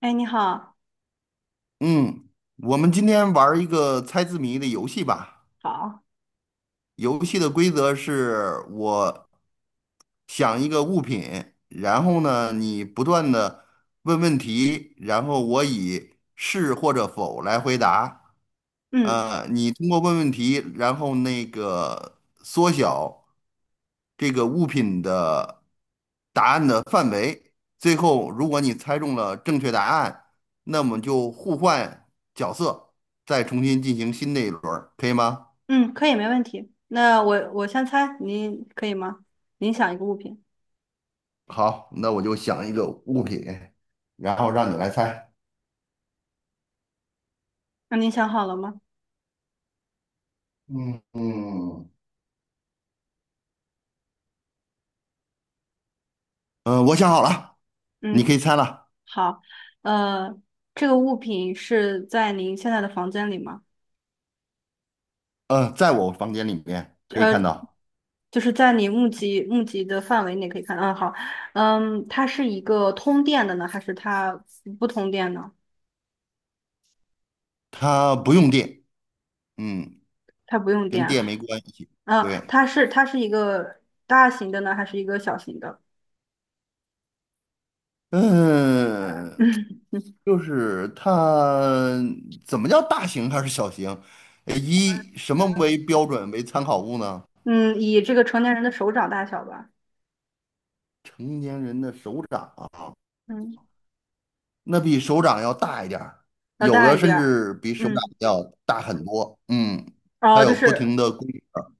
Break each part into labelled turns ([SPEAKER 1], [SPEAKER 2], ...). [SPEAKER 1] 哎，你好。
[SPEAKER 2] 嗯，我们今天玩儿一个猜字谜的游戏吧。
[SPEAKER 1] 好，
[SPEAKER 2] 游戏的规则是我想一个物品，然后呢，你不断的问问题，然后我以是或者否来回答。
[SPEAKER 1] 嗯
[SPEAKER 2] 你通过问问题，然后那个缩小这个物品的答案的范围。最后，如果你猜中了正确答案，那么就互换角色，再重新进行新的一轮儿可以吗？
[SPEAKER 1] 嗯，可以，没问题。那我先猜，您可以吗？您想一个物品。
[SPEAKER 2] 好，那我就想一个物品，然后让你来猜。
[SPEAKER 1] 那您想好了吗？
[SPEAKER 2] 嗯嗯，嗯，我想好了，你可以
[SPEAKER 1] 嗯，
[SPEAKER 2] 猜了。
[SPEAKER 1] 好，呃，这个物品是在您现在的房间里吗？
[SPEAKER 2] 在我房间里面可以看到，
[SPEAKER 1] 就是在你目及的范围内可以看。嗯，好。嗯，它是一个通电的呢，还是它不通电呢？
[SPEAKER 2] 它不用电。嗯。
[SPEAKER 1] 它不用
[SPEAKER 2] 跟
[SPEAKER 1] 电啊。
[SPEAKER 2] 电没关系。
[SPEAKER 1] 啊，
[SPEAKER 2] 对，
[SPEAKER 1] 它是一个大型的呢，还是一个小型的？
[SPEAKER 2] 嗯，
[SPEAKER 1] 嗯。
[SPEAKER 2] 就是它怎么叫大型还是小型？以什么 为标准为参考物呢？
[SPEAKER 1] 嗯，以这个成年人的手掌大小吧。
[SPEAKER 2] 成年人的手掌啊，
[SPEAKER 1] 嗯，
[SPEAKER 2] 那比手掌要大一点儿，
[SPEAKER 1] 要
[SPEAKER 2] 有
[SPEAKER 1] 大
[SPEAKER 2] 的
[SPEAKER 1] 一
[SPEAKER 2] 甚
[SPEAKER 1] 点儿。
[SPEAKER 2] 至比手掌
[SPEAKER 1] 嗯，
[SPEAKER 2] 要大很多。嗯，它
[SPEAKER 1] 哦，就
[SPEAKER 2] 有不停
[SPEAKER 1] 是
[SPEAKER 2] 的规格儿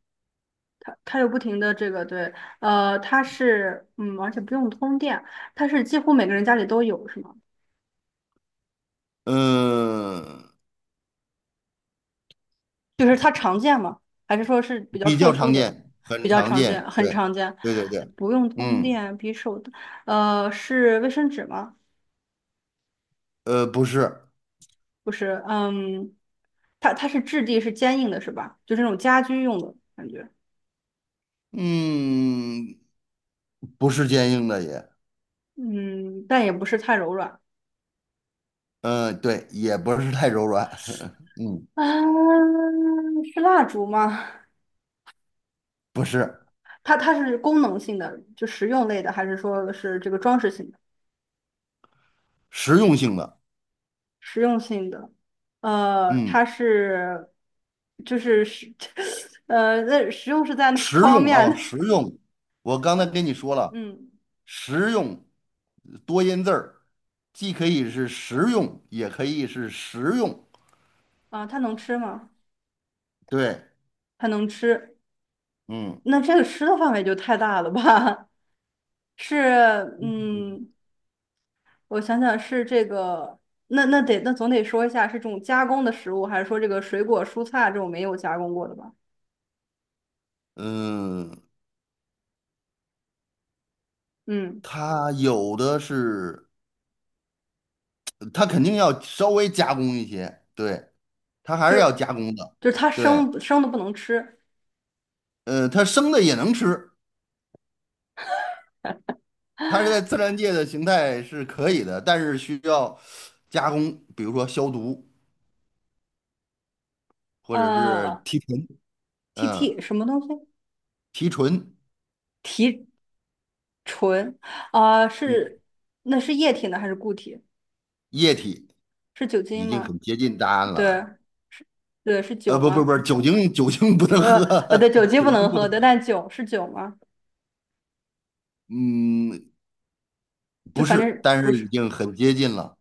[SPEAKER 1] 它，它有不停的这个，对。它是，嗯，而且不用通电，它是几乎每个人家里都有，是吗？
[SPEAKER 2] 嗯，
[SPEAKER 1] 就是它常见吗？还是说是比较
[SPEAKER 2] 比
[SPEAKER 1] 特
[SPEAKER 2] 较
[SPEAKER 1] 殊
[SPEAKER 2] 常
[SPEAKER 1] 的？
[SPEAKER 2] 见，
[SPEAKER 1] 比
[SPEAKER 2] 很
[SPEAKER 1] 较
[SPEAKER 2] 常
[SPEAKER 1] 常见，
[SPEAKER 2] 见。
[SPEAKER 1] 很
[SPEAKER 2] 对，
[SPEAKER 1] 常见。
[SPEAKER 2] 对对对，
[SPEAKER 1] 不用通
[SPEAKER 2] 嗯，
[SPEAKER 1] 电，比手的，是卫生纸吗？
[SPEAKER 2] 不是，
[SPEAKER 1] 不是。嗯，它是质地是坚硬的，是吧？就是那种家居用的感觉。
[SPEAKER 2] 嗯，不是坚硬的也。
[SPEAKER 1] 嗯，但也不是太柔软。
[SPEAKER 2] 嗯，对，也不是太柔软，嗯，
[SPEAKER 1] 啊，是蜡烛吗？
[SPEAKER 2] 不是
[SPEAKER 1] 它是功能性的，就实用类的，还是说是这个装饰性的？
[SPEAKER 2] 实用性的，
[SPEAKER 1] 实用性的。呃，它
[SPEAKER 2] 嗯，
[SPEAKER 1] 是就是是 那实用是在哪
[SPEAKER 2] 实
[SPEAKER 1] 方
[SPEAKER 2] 用
[SPEAKER 1] 面
[SPEAKER 2] 啊，
[SPEAKER 1] 呢？
[SPEAKER 2] 实用。我刚才跟你说 了，
[SPEAKER 1] 嗯。
[SPEAKER 2] 实用多音字儿，既可以是实用，也可以是实用。
[SPEAKER 1] 啊，它能吃吗？
[SPEAKER 2] 对，
[SPEAKER 1] 它能吃。
[SPEAKER 2] 嗯
[SPEAKER 1] 那这个吃的范围就太大了吧？是。嗯，我想想是这个。那得总得说一下是这种加工的食物，还是说这个水果蔬菜这种没有加工过的吧？
[SPEAKER 2] 嗯，
[SPEAKER 1] 嗯。
[SPEAKER 2] 它有的是，它肯定要稍微加工一些，对，它还
[SPEAKER 1] 就
[SPEAKER 2] 是要
[SPEAKER 1] 是
[SPEAKER 2] 加工的，
[SPEAKER 1] 就是它
[SPEAKER 2] 对，
[SPEAKER 1] 生生的不能吃。
[SPEAKER 2] 它生的也能吃，它是在自然界的形态是可以的，但是需要加工，比如说消毒或者是
[SPEAKER 1] 呃
[SPEAKER 2] 提纯，
[SPEAKER 1] ，T
[SPEAKER 2] 嗯
[SPEAKER 1] T 什么东西？
[SPEAKER 2] 提纯
[SPEAKER 1] 提纯。啊、
[SPEAKER 2] 嗯，
[SPEAKER 1] 是。那是液体呢还是固体？
[SPEAKER 2] 液体，
[SPEAKER 1] 是酒
[SPEAKER 2] 已
[SPEAKER 1] 精
[SPEAKER 2] 经
[SPEAKER 1] 吗？
[SPEAKER 2] 很接近答案
[SPEAKER 1] 对。
[SPEAKER 2] 了。
[SPEAKER 1] 对，是酒
[SPEAKER 2] 不不
[SPEAKER 1] 吗？
[SPEAKER 2] 不，酒精酒精不能
[SPEAKER 1] 呃
[SPEAKER 2] 喝，
[SPEAKER 1] 对，酒 精不
[SPEAKER 2] 酒精
[SPEAKER 1] 能
[SPEAKER 2] 不
[SPEAKER 1] 喝
[SPEAKER 2] 能
[SPEAKER 1] 的，
[SPEAKER 2] 喝。
[SPEAKER 1] 但酒是酒吗？
[SPEAKER 2] 嗯，
[SPEAKER 1] 就
[SPEAKER 2] 不
[SPEAKER 1] 反
[SPEAKER 2] 是，
[SPEAKER 1] 正
[SPEAKER 2] 但
[SPEAKER 1] 不
[SPEAKER 2] 是已
[SPEAKER 1] 是。
[SPEAKER 2] 经很接近了，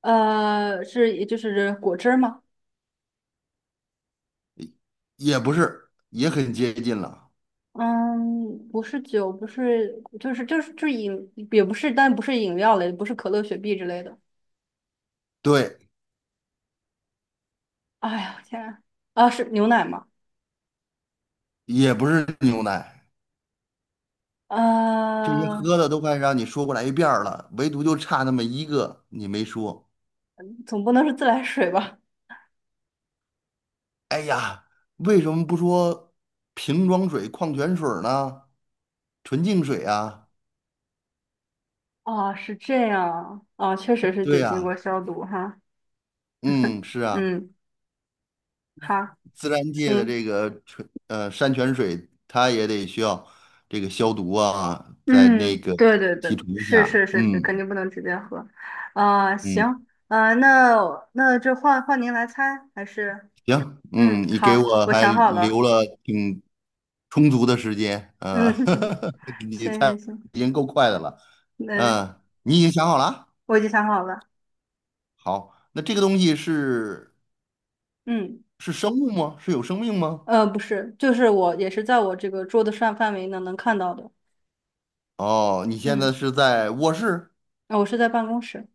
[SPEAKER 1] 是也就是果汁儿吗？
[SPEAKER 2] 也不是，也很接近了。
[SPEAKER 1] 嗯，不是酒，不是，就是饮，也不是，但不是饮料类，不是可乐、雪碧之类的。
[SPEAKER 2] 对，
[SPEAKER 1] 哎呀，天啊。啊，是牛奶吗？
[SPEAKER 2] 也不是牛奶，这些
[SPEAKER 1] 呃，
[SPEAKER 2] 喝的都快让你说过来一遍儿了，唯独就差那么一个你没说。
[SPEAKER 1] 总不能是自来水吧？
[SPEAKER 2] 哎呀，为什么不说瓶装水、矿泉水儿呢？纯净水啊，
[SPEAKER 1] 哦，是这样，啊，确实是
[SPEAKER 2] 对
[SPEAKER 1] 得经过
[SPEAKER 2] 呀，
[SPEAKER 1] 消毒哈。
[SPEAKER 2] 嗯，是啊，
[SPEAKER 1] 嗯，好，
[SPEAKER 2] 自然界的
[SPEAKER 1] 行。
[SPEAKER 2] 这个纯山泉水，它也得需要这个消毒啊，在那
[SPEAKER 1] 嗯，
[SPEAKER 2] 个
[SPEAKER 1] 对对对，
[SPEAKER 2] 提纯一
[SPEAKER 1] 是是
[SPEAKER 2] 下，
[SPEAKER 1] 是是，肯
[SPEAKER 2] 嗯
[SPEAKER 1] 定不能直接喝。啊、行。
[SPEAKER 2] 嗯，
[SPEAKER 1] 啊、那那这换换您来猜，还是
[SPEAKER 2] 行，
[SPEAKER 1] 嗯，
[SPEAKER 2] 嗯，你给
[SPEAKER 1] 好，
[SPEAKER 2] 我
[SPEAKER 1] 我
[SPEAKER 2] 还
[SPEAKER 1] 想好了。
[SPEAKER 2] 留了挺充足的时间，
[SPEAKER 1] 嗯，
[SPEAKER 2] 你
[SPEAKER 1] 行
[SPEAKER 2] 猜
[SPEAKER 1] 行行，
[SPEAKER 2] 已经够快的了，
[SPEAKER 1] 那
[SPEAKER 2] 你已经想好了啊？
[SPEAKER 1] 我已经想好了。
[SPEAKER 2] 好，那这个东西是。
[SPEAKER 1] 嗯，
[SPEAKER 2] 是生物吗？是有生命吗？
[SPEAKER 1] 不是，就是我也是在我这个桌子上范围呢能看到的。
[SPEAKER 2] 哦，你现在
[SPEAKER 1] 嗯，
[SPEAKER 2] 是在卧室、
[SPEAKER 1] 呃我是在办公室。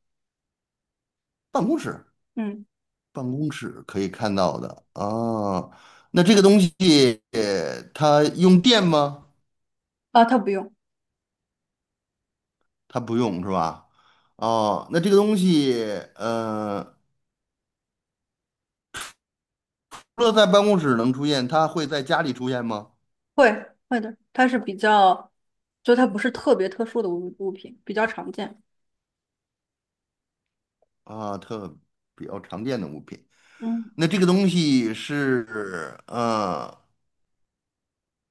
[SPEAKER 2] 办公室，
[SPEAKER 1] 嗯，
[SPEAKER 2] 办公室可以看到的啊。那这个东西它用电吗？
[SPEAKER 1] 啊，他不用。
[SPEAKER 2] 它不用是吧？哦，那这个东西呃，除了在办公室能出现，它会在家里出现吗？
[SPEAKER 1] 会。会的，它是比较，就它不是特别特殊的物品，比较常见。
[SPEAKER 2] 啊，特比较常见的物品。
[SPEAKER 1] 嗯，
[SPEAKER 2] 那这个东西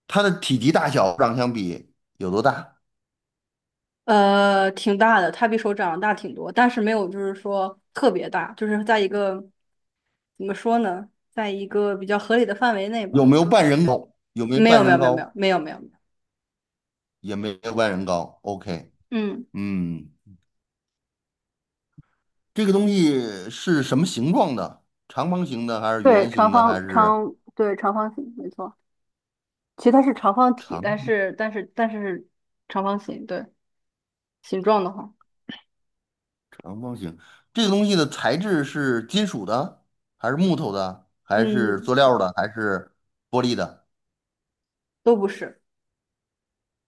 [SPEAKER 2] 它的体积大小上相比有多大？
[SPEAKER 1] 挺大的，它比手掌大挺多，但是没有就是说特别大，就是在一个怎么说呢，在一个比较合理的范围内
[SPEAKER 2] 有
[SPEAKER 1] 吧。
[SPEAKER 2] 没有半人高？有没有
[SPEAKER 1] 没有
[SPEAKER 2] 半
[SPEAKER 1] 没
[SPEAKER 2] 人
[SPEAKER 1] 有没有没有
[SPEAKER 2] 高？
[SPEAKER 1] 没有没有没有。
[SPEAKER 2] 也没有半人高。OK,
[SPEAKER 1] 嗯，
[SPEAKER 2] 嗯，这个东西是什么形状的？长方形的还是
[SPEAKER 1] 对，
[SPEAKER 2] 圆
[SPEAKER 1] 长
[SPEAKER 2] 形的？还
[SPEAKER 1] 方
[SPEAKER 2] 是
[SPEAKER 1] 长，对，长方形，没错。其实它是长方
[SPEAKER 2] 长
[SPEAKER 1] 体，但是长方形，对，形状的话，
[SPEAKER 2] 长方形？这个东西的材质是金属的，还是木头的，还是
[SPEAKER 1] 嗯，
[SPEAKER 2] 塑料的，还是玻璃的？
[SPEAKER 1] 都不是。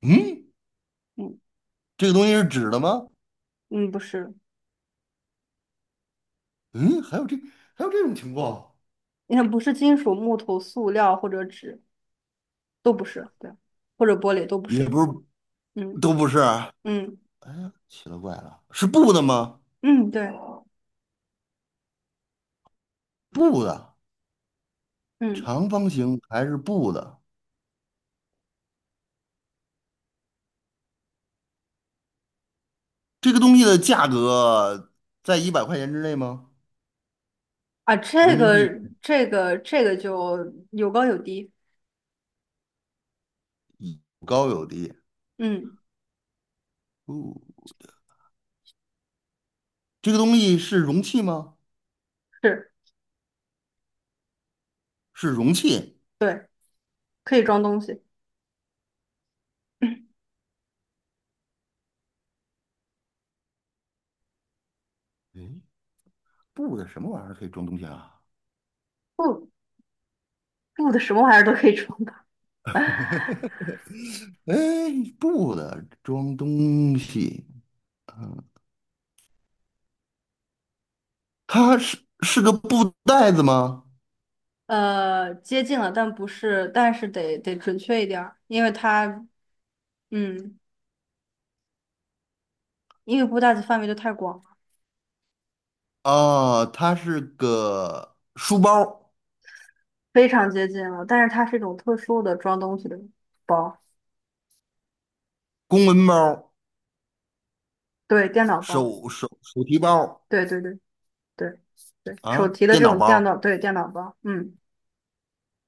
[SPEAKER 2] 嗯，
[SPEAKER 1] 嗯
[SPEAKER 2] 这个东西是纸的吗？
[SPEAKER 1] 嗯，不是。
[SPEAKER 2] 嗯，还有这还有这种情况，
[SPEAKER 1] 你看，不是金属、木头、塑料或者纸，都不是，对，或者玻璃都不
[SPEAKER 2] 也
[SPEAKER 1] 是。
[SPEAKER 2] 不是
[SPEAKER 1] 嗯
[SPEAKER 2] 都不是啊
[SPEAKER 1] 嗯
[SPEAKER 2] 奇了怪了，是布的吗？
[SPEAKER 1] 嗯，对。
[SPEAKER 2] 布的，
[SPEAKER 1] 嗯
[SPEAKER 2] 长方形还是布的？这个东西的价格在100块钱之内吗？
[SPEAKER 1] 啊，
[SPEAKER 2] 人
[SPEAKER 1] 这
[SPEAKER 2] 民
[SPEAKER 1] 个
[SPEAKER 2] 币
[SPEAKER 1] 这个这个就有高有低。
[SPEAKER 2] 有高有低。
[SPEAKER 1] 嗯，
[SPEAKER 2] 哦，这个东西是容器吗？
[SPEAKER 1] 是。
[SPEAKER 2] 是容器。
[SPEAKER 1] 对，可以装东西。
[SPEAKER 2] 诶，布的什么玩意儿可以装东西啊？
[SPEAKER 1] 布。布的什么玩意儿都可以装的。
[SPEAKER 2] 哎，布的装东西，它是个布袋子吗？
[SPEAKER 1] 接近了，但不是，但是得准确一点儿，因为它，嗯，因为布袋子范围就太广了。
[SPEAKER 2] 啊，它是个书包、
[SPEAKER 1] 非常接近了，但是它是一种特殊的装东西的包。
[SPEAKER 2] 公文包、
[SPEAKER 1] 对，电脑包。
[SPEAKER 2] 手提包
[SPEAKER 1] 对对对。对对，手
[SPEAKER 2] 啊，
[SPEAKER 1] 提的
[SPEAKER 2] 电
[SPEAKER 1] 这
[SPEAKER 2] 脑
[SPEAKER 1] 种电脑，
[SPEAKER 2] 包。
[SPEAKER 1] 对，电脑包。嗯，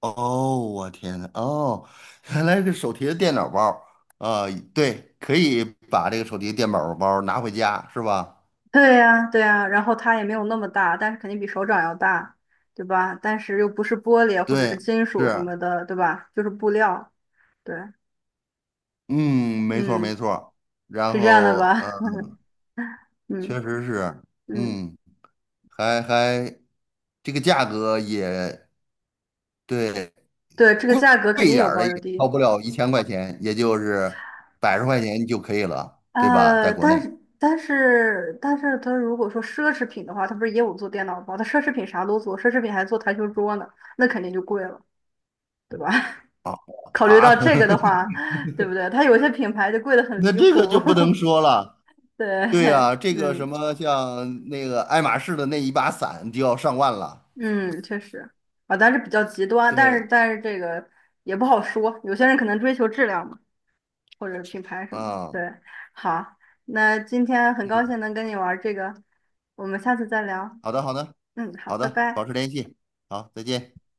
[SPEAKER 2] 哦，我天呐，哦，原来是个手提的电脑包儿啊，对，可以把这个手提电脑包儿拿回家，是吧？
[SPEAKER 1] 对呀，对呀，然后它也没有那么大，但是肯定比手掌要大，对吧？但是又不是玻璃或者是
[SPEAKER 2] 对，
[SPEAKER 1] 金
[SPEAKER 2] 是，
[SPEAKER 1] 属什么的，对吧？就是布料。对，
[SPEAKER 2] 嗯，没错儿没
[SPEAKER 1] 嗯，
[SPEAKER 2] 错儿然
[SPEAKER 1] 是这样的
[SPEAKER 2] 后，
[SPEAKER 1] 吧？嗯
[SPEAKER 2] 确实是，
[SPEAKER 1] 嗯，
[SPEAKER 2] 嗯，还这个价格也对，
[SPEAKER 1] 对，这个
[SPEAKER 2] 贵
[SPEAKER 1] 价格肯
[SPEAKER 2] 贵一
[SPEAKER 1] 定
[SPEAKER 2] 点
[SPEAKER 1] 有
[SPEAKER 2] 儿的
[SPEAKER 1] 高
[SPEAKER 2] 也
[SPEAKER 1] 有
[SPEAKER 2] 超
[SPEAKER 1] 低。
[SPEAKER 2] 不了1000块钱，也就是百十块钱就可以了，对吧？在
[SPEAKER 1] 呃，
[SPEAKER 2] 国
[SPEAKER 1] 但
[SPEAKER 2] 内
[SPEAKER 1] 是但是但是它如果说奢侈品的话，它不是也有做电脑包？它奢侈品啥都做，奢侈品还做台球桌呢，那肯定就贵了，对吧？
[SPEAKER 2] 啊
[SPEAKER 1] 考虑到
[SPEAKER 2] 啊，
[SPEAKER 1] 这个的 话，对不对？它有些品牌就贵得很
[SPEAKER 2] 那
[SPEAKER 1] 离
[SPEAKER 2] 这个
[SPEAKER 1] 谱。
[SPEAKER 2] 就不能说了。
[SPEAKER 1] 对。
[SPEAKER 2] 对啊，这个
[SPEAKER 1] 嗯
[SPEAKER 2] 什么像那个爱马仕的那一把伞就要上万了。
[SPEAKER 1] 嗯，确实。啊，但是比较极端，但是
[SPEAKER 2] 对，
[SPEAKER 1] 但是这个也不好说，有些人可能追求质量嘛，或者品牌什么
[SPEAKER 2] 啊，
[SPEAKER 1] 的，对。好，那今天很高
[SPEAKER 2] 嗯，
[SPEAKER 1] 兴能跟你玩这个，我们下次再聊。
[SPEAKER 2] 好的，好的，
[SPEAKER 1] 嗯，好，
[SPEAKER 2] 好
[SPEAKER 1] 拜
[SPEAKER 2] 的，保
[SPEAKER 1] 拜。
[SPEAKER 2] 持联系，好，再见。